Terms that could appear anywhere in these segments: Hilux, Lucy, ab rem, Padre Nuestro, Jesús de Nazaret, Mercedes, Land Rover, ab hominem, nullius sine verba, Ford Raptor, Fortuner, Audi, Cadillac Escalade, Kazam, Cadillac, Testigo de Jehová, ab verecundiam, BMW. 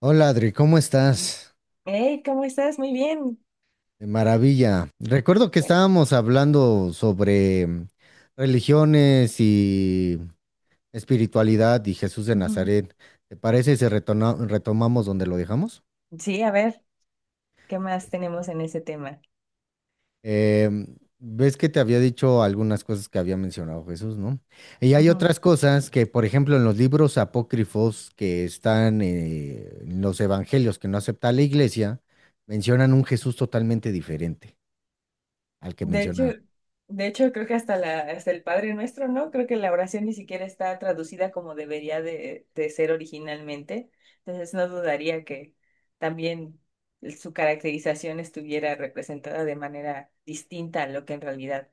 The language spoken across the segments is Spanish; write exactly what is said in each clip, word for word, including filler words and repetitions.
Hola Adri, ¿cómo estás? Hey, ¿cómo estás? Muy bien. De maravilla. Recuerdo que Bueno. estábamos hablando sobre mm, religiones y espiritualidad y Jesús de Ujú. Nazaret. ¿Te parece si retona- retomamos donde lo dejamos? Sí, a ver, ¿qué más tenemos en ese tema? Em, ves que te había dicho algunas cosas que había mencionado Jesús, ¿no? Y hay Ujú. otras cosas que, por ejemplo, en los libros apócrifos que están eh, en los evangelios que no acepta la iglesia, mencionan un Jesús totalmente diferente al que De hecho, menciona. de hecho, creo que hasta la, hasta el Padre Nuestro, ¿no? Creo que la oración ni siquiera está traducida como debería de, de ser originalmente. Entonces no dudaría que también su caracterización estuviera representada de manera distinta a lo que en realidad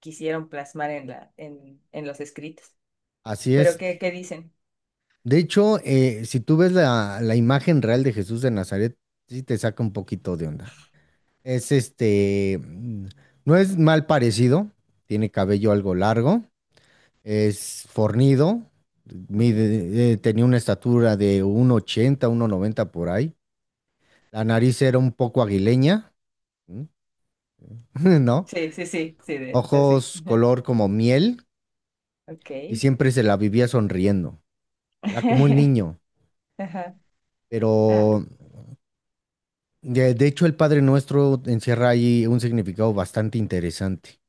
quisieron plasmar en la, en, en los escritos. Así Pero es. ¿qué, qué dicen? De hecho, eh, si tú ves la, la imagen real de Jesús de Nazaret, sí te saca un poquito de onda. Es este, mm, no es mal parecido, tiene cabello algo largo, es fornido, Ujú. mide- eh, tenía una estatura de uno ochenta, uno noventa por ahí. La nariz era un poco aguileña, ¿m? ¿no? Sí, sí, sí, sí, de, así. Ojos color como miel y Ok. siempre se la vivía sonriendo. Era como un niño, Ajá. Ah, pero De, de hecho, el Padre Nuestro encierra ahí un significado bastante interesante.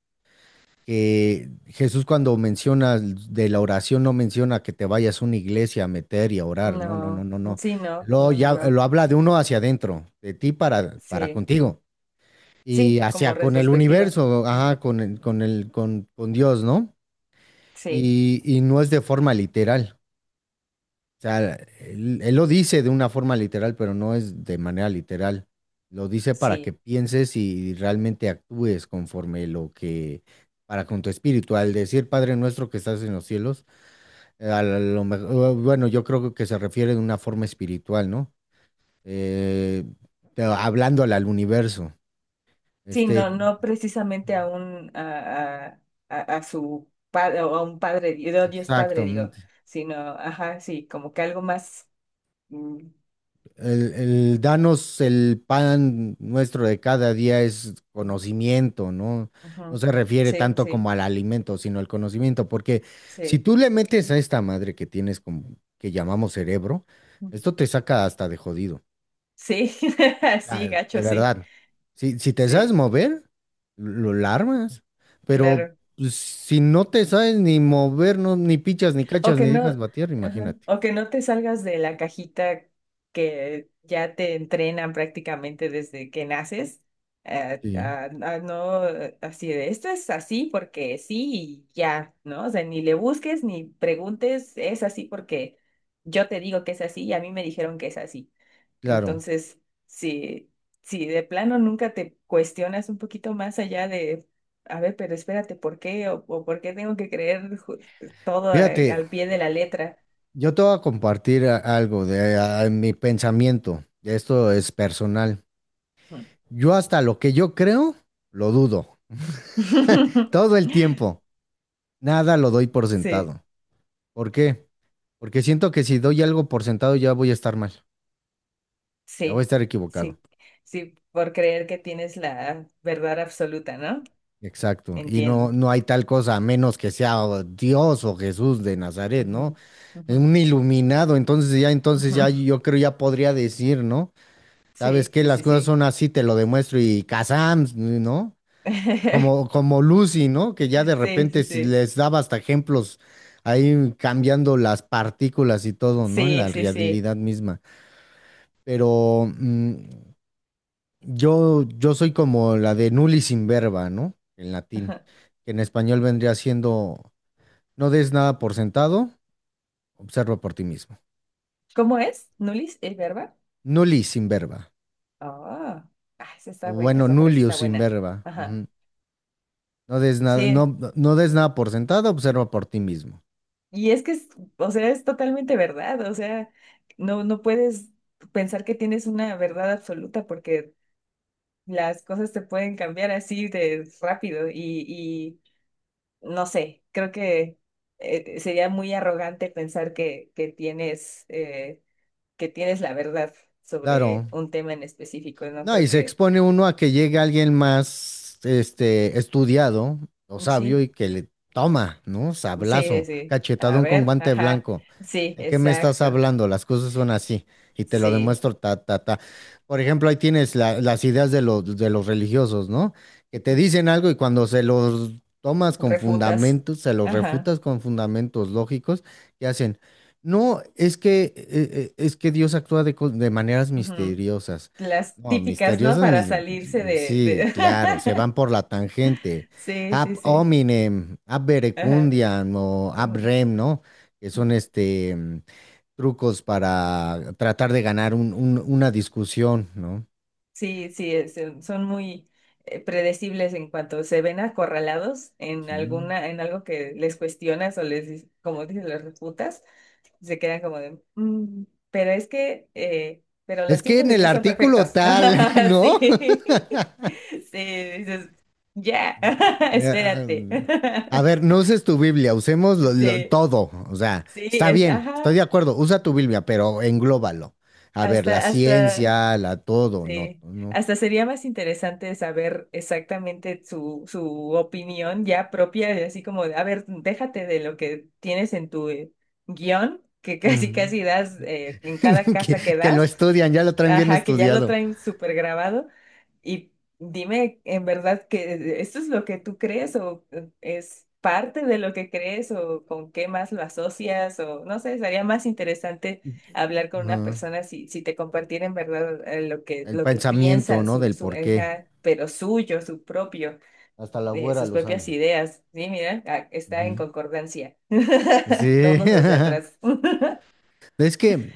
Que Jesús, cuando menciona de la oración, no menciona que te vayas a una iglesia a meter y a orar, no, no, no, no. no, no. Sí, no, Lo, no, no, ya, no. lo habla de uno hacia adentro, de ti para, para Sí, contigo y sí, como hacia con el retrospectiva. universo, Mm. ajá, con el, con el, con, con Dios, ¿no? Sí, Y, y no es de forma literal. O sea, él, él lo dice de una forma literal, pero no es de manera literal. Lo dice para que sí. pienses y realmente actúes conforme lo que, para con tu espíritu. Al decir Padre nuestro que estás en los cielos, eh, a lo mejor, bueno, yo creo que se refiere de una forma espiritual, ¿no? Eh, te- Hablándole al universo. Sí, Este, no, no precisamente a un, a, a, a- a su padre, o a un padre, di- no, Dios padre, digo, exactamente. sino, ajá, sí, como que algo más. mm, El, el danos el pan nuestro de cada día es mm, conocimiento, ¿no? No ujú. se refiere Sí, tanto sí, como al alimento, sino al conocimiento, porque si sí. tú le metes a esta madre que tienes, como, que llamamos cerebro, Mm. esto te saca hasta de jodido. Sí, sí, Ah, de gacho, sí. verdad. Si, si te sabes Sí, mover, lo lo armas, pero claro. pues, si no te sabes ni mover, no, ni pichas, ni O cachas, que ni dejas no, batear, ajá, imagínate. o que no te salgas de la cajita que ya te entrenan prácticamente desde que naces, eh, Sí. a, a no eh, así de esto es así porque sí y ya, ¿no? O sea, ni le busques ni preguntes, es así porque yo te digo que es así y a mí me dijeron que es así. Claro. Entonces, si, si de plano nunca te cuestionas un poquito más allá de, a ver, pero espérate, ¿por qué? ¿O, o por qué tengo que creer ju- todo eh, Fíjate, al pie de la letra? yo te voy a compartir a- algo de a- mi pensamiento. Esto es personal. Ujú. Yo hasta lo que yo creo, lo dudo. Todo el tiempo. Nada lo doy por Sí, sentado. ¿Por qué? Porque siento que si doy algo por sentado ya voy a estar mal. Ya voy a sí, estar equivocado. sí, sí, por creer que tienes la verdad absoluta, ¿no? Exacto. Y no, Entiendo. no hay tal cosa a menos que sea o Dios o Jesús de Nazaret, ¿no? Ujú, ujú, Un iluminado. Entonces ya, entonces ujú. ya yo creo ya podría decir, ¿no? ¿Sabes Sí, qué? sí, Las sí, cosas sí. son así, te lo demuestro y Kazam, ¿no? Como, como Lucy, ¿no? Que ya de Sí, repente sí, s- sí, les daba hasta ejemplos ahí cambiando las partículas y todo, ¿no? En sí. la Sí, sí, realidad misma. Pero mm, yo, yo soy como la de nullis sin verba, ¿no? En latín, Ajá. que en español vendría siendo no des nada por sentado, observa por ti mismo. ¿Cómo es, Nulis, el verbo? Nullis sin verba. Oh, ah, esa O está buena, bueno, esa frase nullius está sin buena. verba. Ajá. Ujú. No des nada, no, Sí, no des nada por sentado, observa por ti mismo. y es que es, o sea, es totalmente verdad, o sea, no, no puedes pensar que tienes una verdad absoluta porque las cosas te pueden cambiar así de rápido y, y no sé, creo que eh, sería muy arrogante pensar que, que tienes, eh, que tienes la verdad Claro. sobre un tema en específico, ¿no? No, y Creo se que expone uno a que llegue alguien más, este, estudiado o mm, sabio sí. y que le toma, ¿no? Sí, Sablazo, sí. A cachetadón con ver, guante ajá. blanco. Sí, ¿De qué me estás exacto. hablando? Las cosas son así y te lo Sí. demuestro, ta, ta, ta. Por ejemplo, ahí tienes la- las ideas de los, de los religiosos, ¿no? Que te dicen algo y cuando se los tomas con Refutas. fundamentos, se los Ajá. refutas con fundamentos lógicos, ¿qué hacen? No, es que, eh, eh, es que Dios actúa de co- de maneras Ujú. misteriosas. Las No, típicas, ¿no? misteriosos Para mis... salirse de, Sí, de... claro, se van por la tangente. Sí, sí, Ab sí. hominem, ab Ajá. verecundiam o ab rem, ¿no? Que Ujú. son este mm, trucos para tratar de ganar un- un- una discusión, ¿no? Sí, sí, es- Son muy eh, predecibles en cuanto se ven acorralados en Sí. alguna, en algo que les cuestionas o les, dices- como dices, les refutas. Se quedan como de, "Mm, pero es que, eh, pero Es los que tiempos en de el Dios son artículo perfectos." tal, ¿no? Sí, sí, dices, ya, Eh, Ah, espérate. A ver, no uses tu Biblia, usemos lo- lo- Sí, todo. O sea, sí, está es, bien, ajá, estoy de acuerdo, usa tu Biblia, pero englóbalo. A ver, la hasta, hasta... ciencia, la todo, no, Sí, no. hasta sería más interesante saber exactamente su, su opinión ya propia, de así como, de, a ver, déjate de lo que tienes en tu eh, guión, que casi Ujú. casi das eh, en cada Que, casa que que lo das, estudian, ya lo traen bien ajá, que ya lo estudiado. traen súper grabado, y dime en verdad que esto es lo que tú crees o eh, es parte de lo que crees o con qué más lo asocias o no sé, sería más interesante hablar con una Ajá. persona si, si te compartiera en verdad eh, lo que, El lo que pensamiento, piensan, ¿no? su, Del su, por qué. esa, pero suyo, su propio, Hasta la eh, güera sus lo propias sabe. ideas. Sí, mira, ah, está en Ujú. concordancia. Sí. Todos los de atrás. Es que,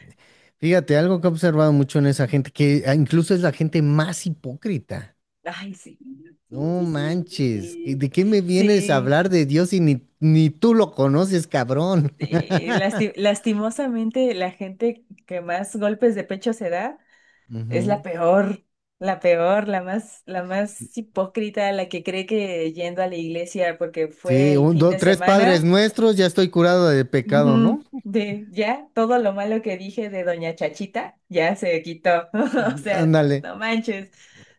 fíjate, algo que he observado mucho en esa gente, que ah, incluso es la gente más hipócrita. Ay, sí. Sí, No sí, sí. manches, ¿y Sí, de qué me vienes a sí, hablar de Dios si ni, ni tú lo conoces, cabrón? eh, lasti- lastimosamente la gente que más golpes de pecho se da. Es la Ujú. peor, la peor, la más, la más hipócrita, la que cree que yendo a la iglesia porque fue Sí, el un, fin dos, de tres padres semana, nuestros, ya estoy curado de pecado, ¿no? ujú, de ya todo lo malo que dije de Doña Chachita ya se quitó. O sea, Ándale. no manches,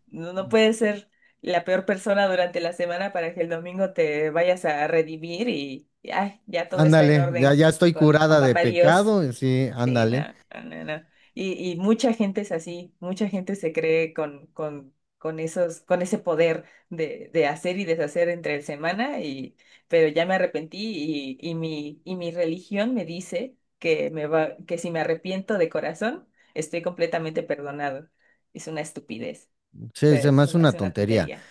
no, no puedes ser la peor persona durante la semana para que el domingo te vayas a redimir y, y, ay, ya todo está en Ándale, ya, orden ya estoy con, con curada de Papá Dios. pecado, y sí, Sí, no, ándale. no, no, no. Y, y mucha gente es así, mucha gente se cree con, con, con esos, con ese poder de, de hacer y deshacer entre el semana, y, pero ya me arrepentí y, y mi, y mi religión me dice que me va, que si me arrepiento de corazón, estoy completamente perdonado. Es una estupidez. O Sí, se sea, me se hace me una hace una tontería. tontería.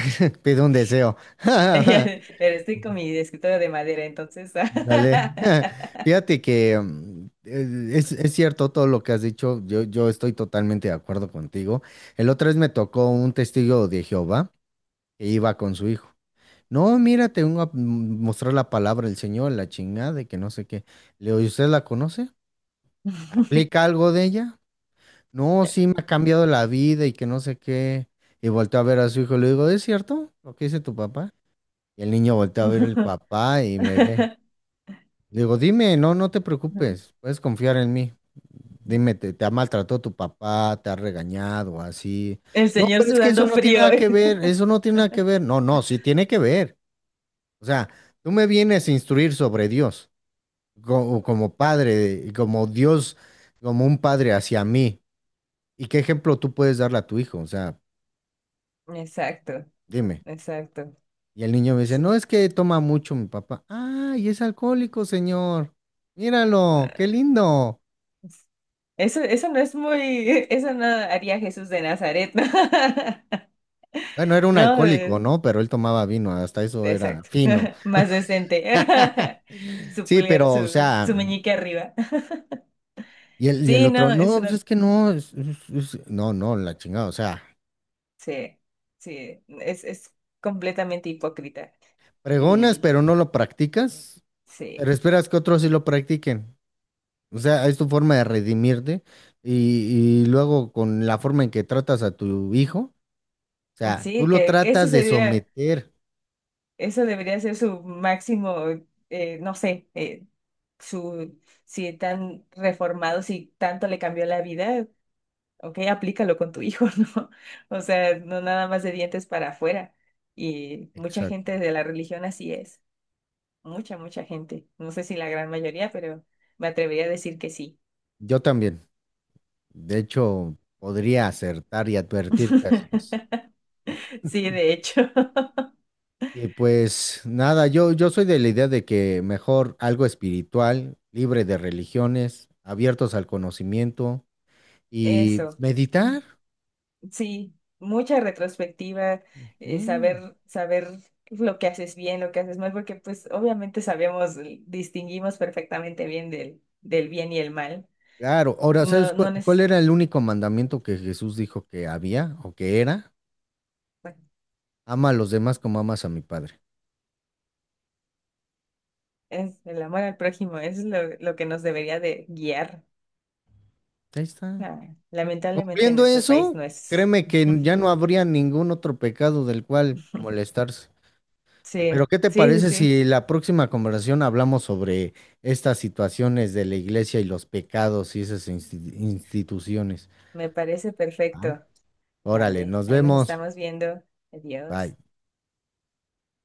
Pide un deseo. Pero estoy con mi escritorio de madera, entonces. Dale. Fíjate que mm, eh, es, es cierto todo lo que has dicho. Yo, yo estoy totalmente de acuerdo contigo. El otro vez me tocó un testigo de Jehová que iba con su hijo. No, mira, te vengo a mm, mostrar la palabra del Señor, la chingada, y que no sé qué. Le digo, ¿y usted la conoce? ¿Aplica algo de ella? No, sí me ha cambiado la vida y que no sé qué. Y volteó a ver a su hijo, le digo, ¿es cierto lo que dice tu papá? Y el niño volteó a ver el papá y me ve. Le digo, dime, no, no te preocupes, puedes confiar en mí. Dime, ¿te, te ha maltratado tu papá? ¿Te ha regañado así? El No, señor pero es que eso sudando no tiene frío. nada que ver, eso no tiene nada que ver. No, no, sí tiene que ver. O sea, tú me vienes a instruir sobre Dios, como, como padre, como Dios, como un padre hacia mí. ¿Y qué ejemplo tú puedes darle a tu hijo? O sea, Exacto, dime. exacto. Y el niño me dice, no, Sí. es que toma mucho mi papá. Ah, y es alcohólico, señor. Míralo, qué Ah, lindo. es- eso, eso no es muy, eso no haría Jesús de Nazaret, ¿no? Bueno, era un No, alcohólico, eh, ¿no? Pero él tomaba vino, hasta eso era exacto. fino. Más decente. Su Sí, pulgar, pero, o su, sea, su meñique arriba. y el, y el Sí, otro, no, es no, pues una, es que no, es- es- es- no, no, la chingada, o sea, sí, sí, es, es completamente hipócrita. pregonas, Y pero no lo practicas, sí, pero esperas que otros sí lo practiquen. O sea, es tu forma de redimirte y, y luego con la forma en que tratas a tu hijo. Sea, tú sí, lo que, que eso tratas de sería. someter. Eso debería ser su máximo, eh, no sé, eh, su, si tan reformado, si tanto le cambió la vida, ok, aplícalo con tu hijo, ¿no? O sea, no nada más de dientes para afuera. Y mucha gente Exacto. de la religión así es, mucha, mucha gente. No sé si la gran mayoría, pero me atrevería a decir que sí. Yo también. De hecho, podría acertar y advertir que así es. Sí, de hecho, Y pues nada, yo, yo soy de la idea de que mejor algo espiritual, libre de religiones, abiertos al conocimiento y eso. meditar. Sí, mucha retrospectiva, eh, Sí. saber, saber lo que haces bien, lo que haces mal, porque pues obviamente sabemos, eh, distinguimos perfectamente bien del, del bien y el mal. Claro, ahora, ¿sabes No, no cuál, cuál neces- era el único mandamiento que Jesús dijo que había o que era? Bueno, Ama a los demás como amas a mi Padre. es el amor al prójimo, es lo, lo que nos debería de guiar. Ahí está. Ah, lamentablemente en Cumpliendo nuestro país eso, no es. créeme que ya no habría ningún otro pecado del cual molestarse. Pero Sí, ¿qué te sí, sí, parece sí, si la próxima conversación hablamos sobre estas situaciones de la iglesia y los pecados y esas insti- instituciones? me parece ¿Va? perfecto. Órale, Dale, nos ahí nos vemos. estamos viendo. Bye. Adiós.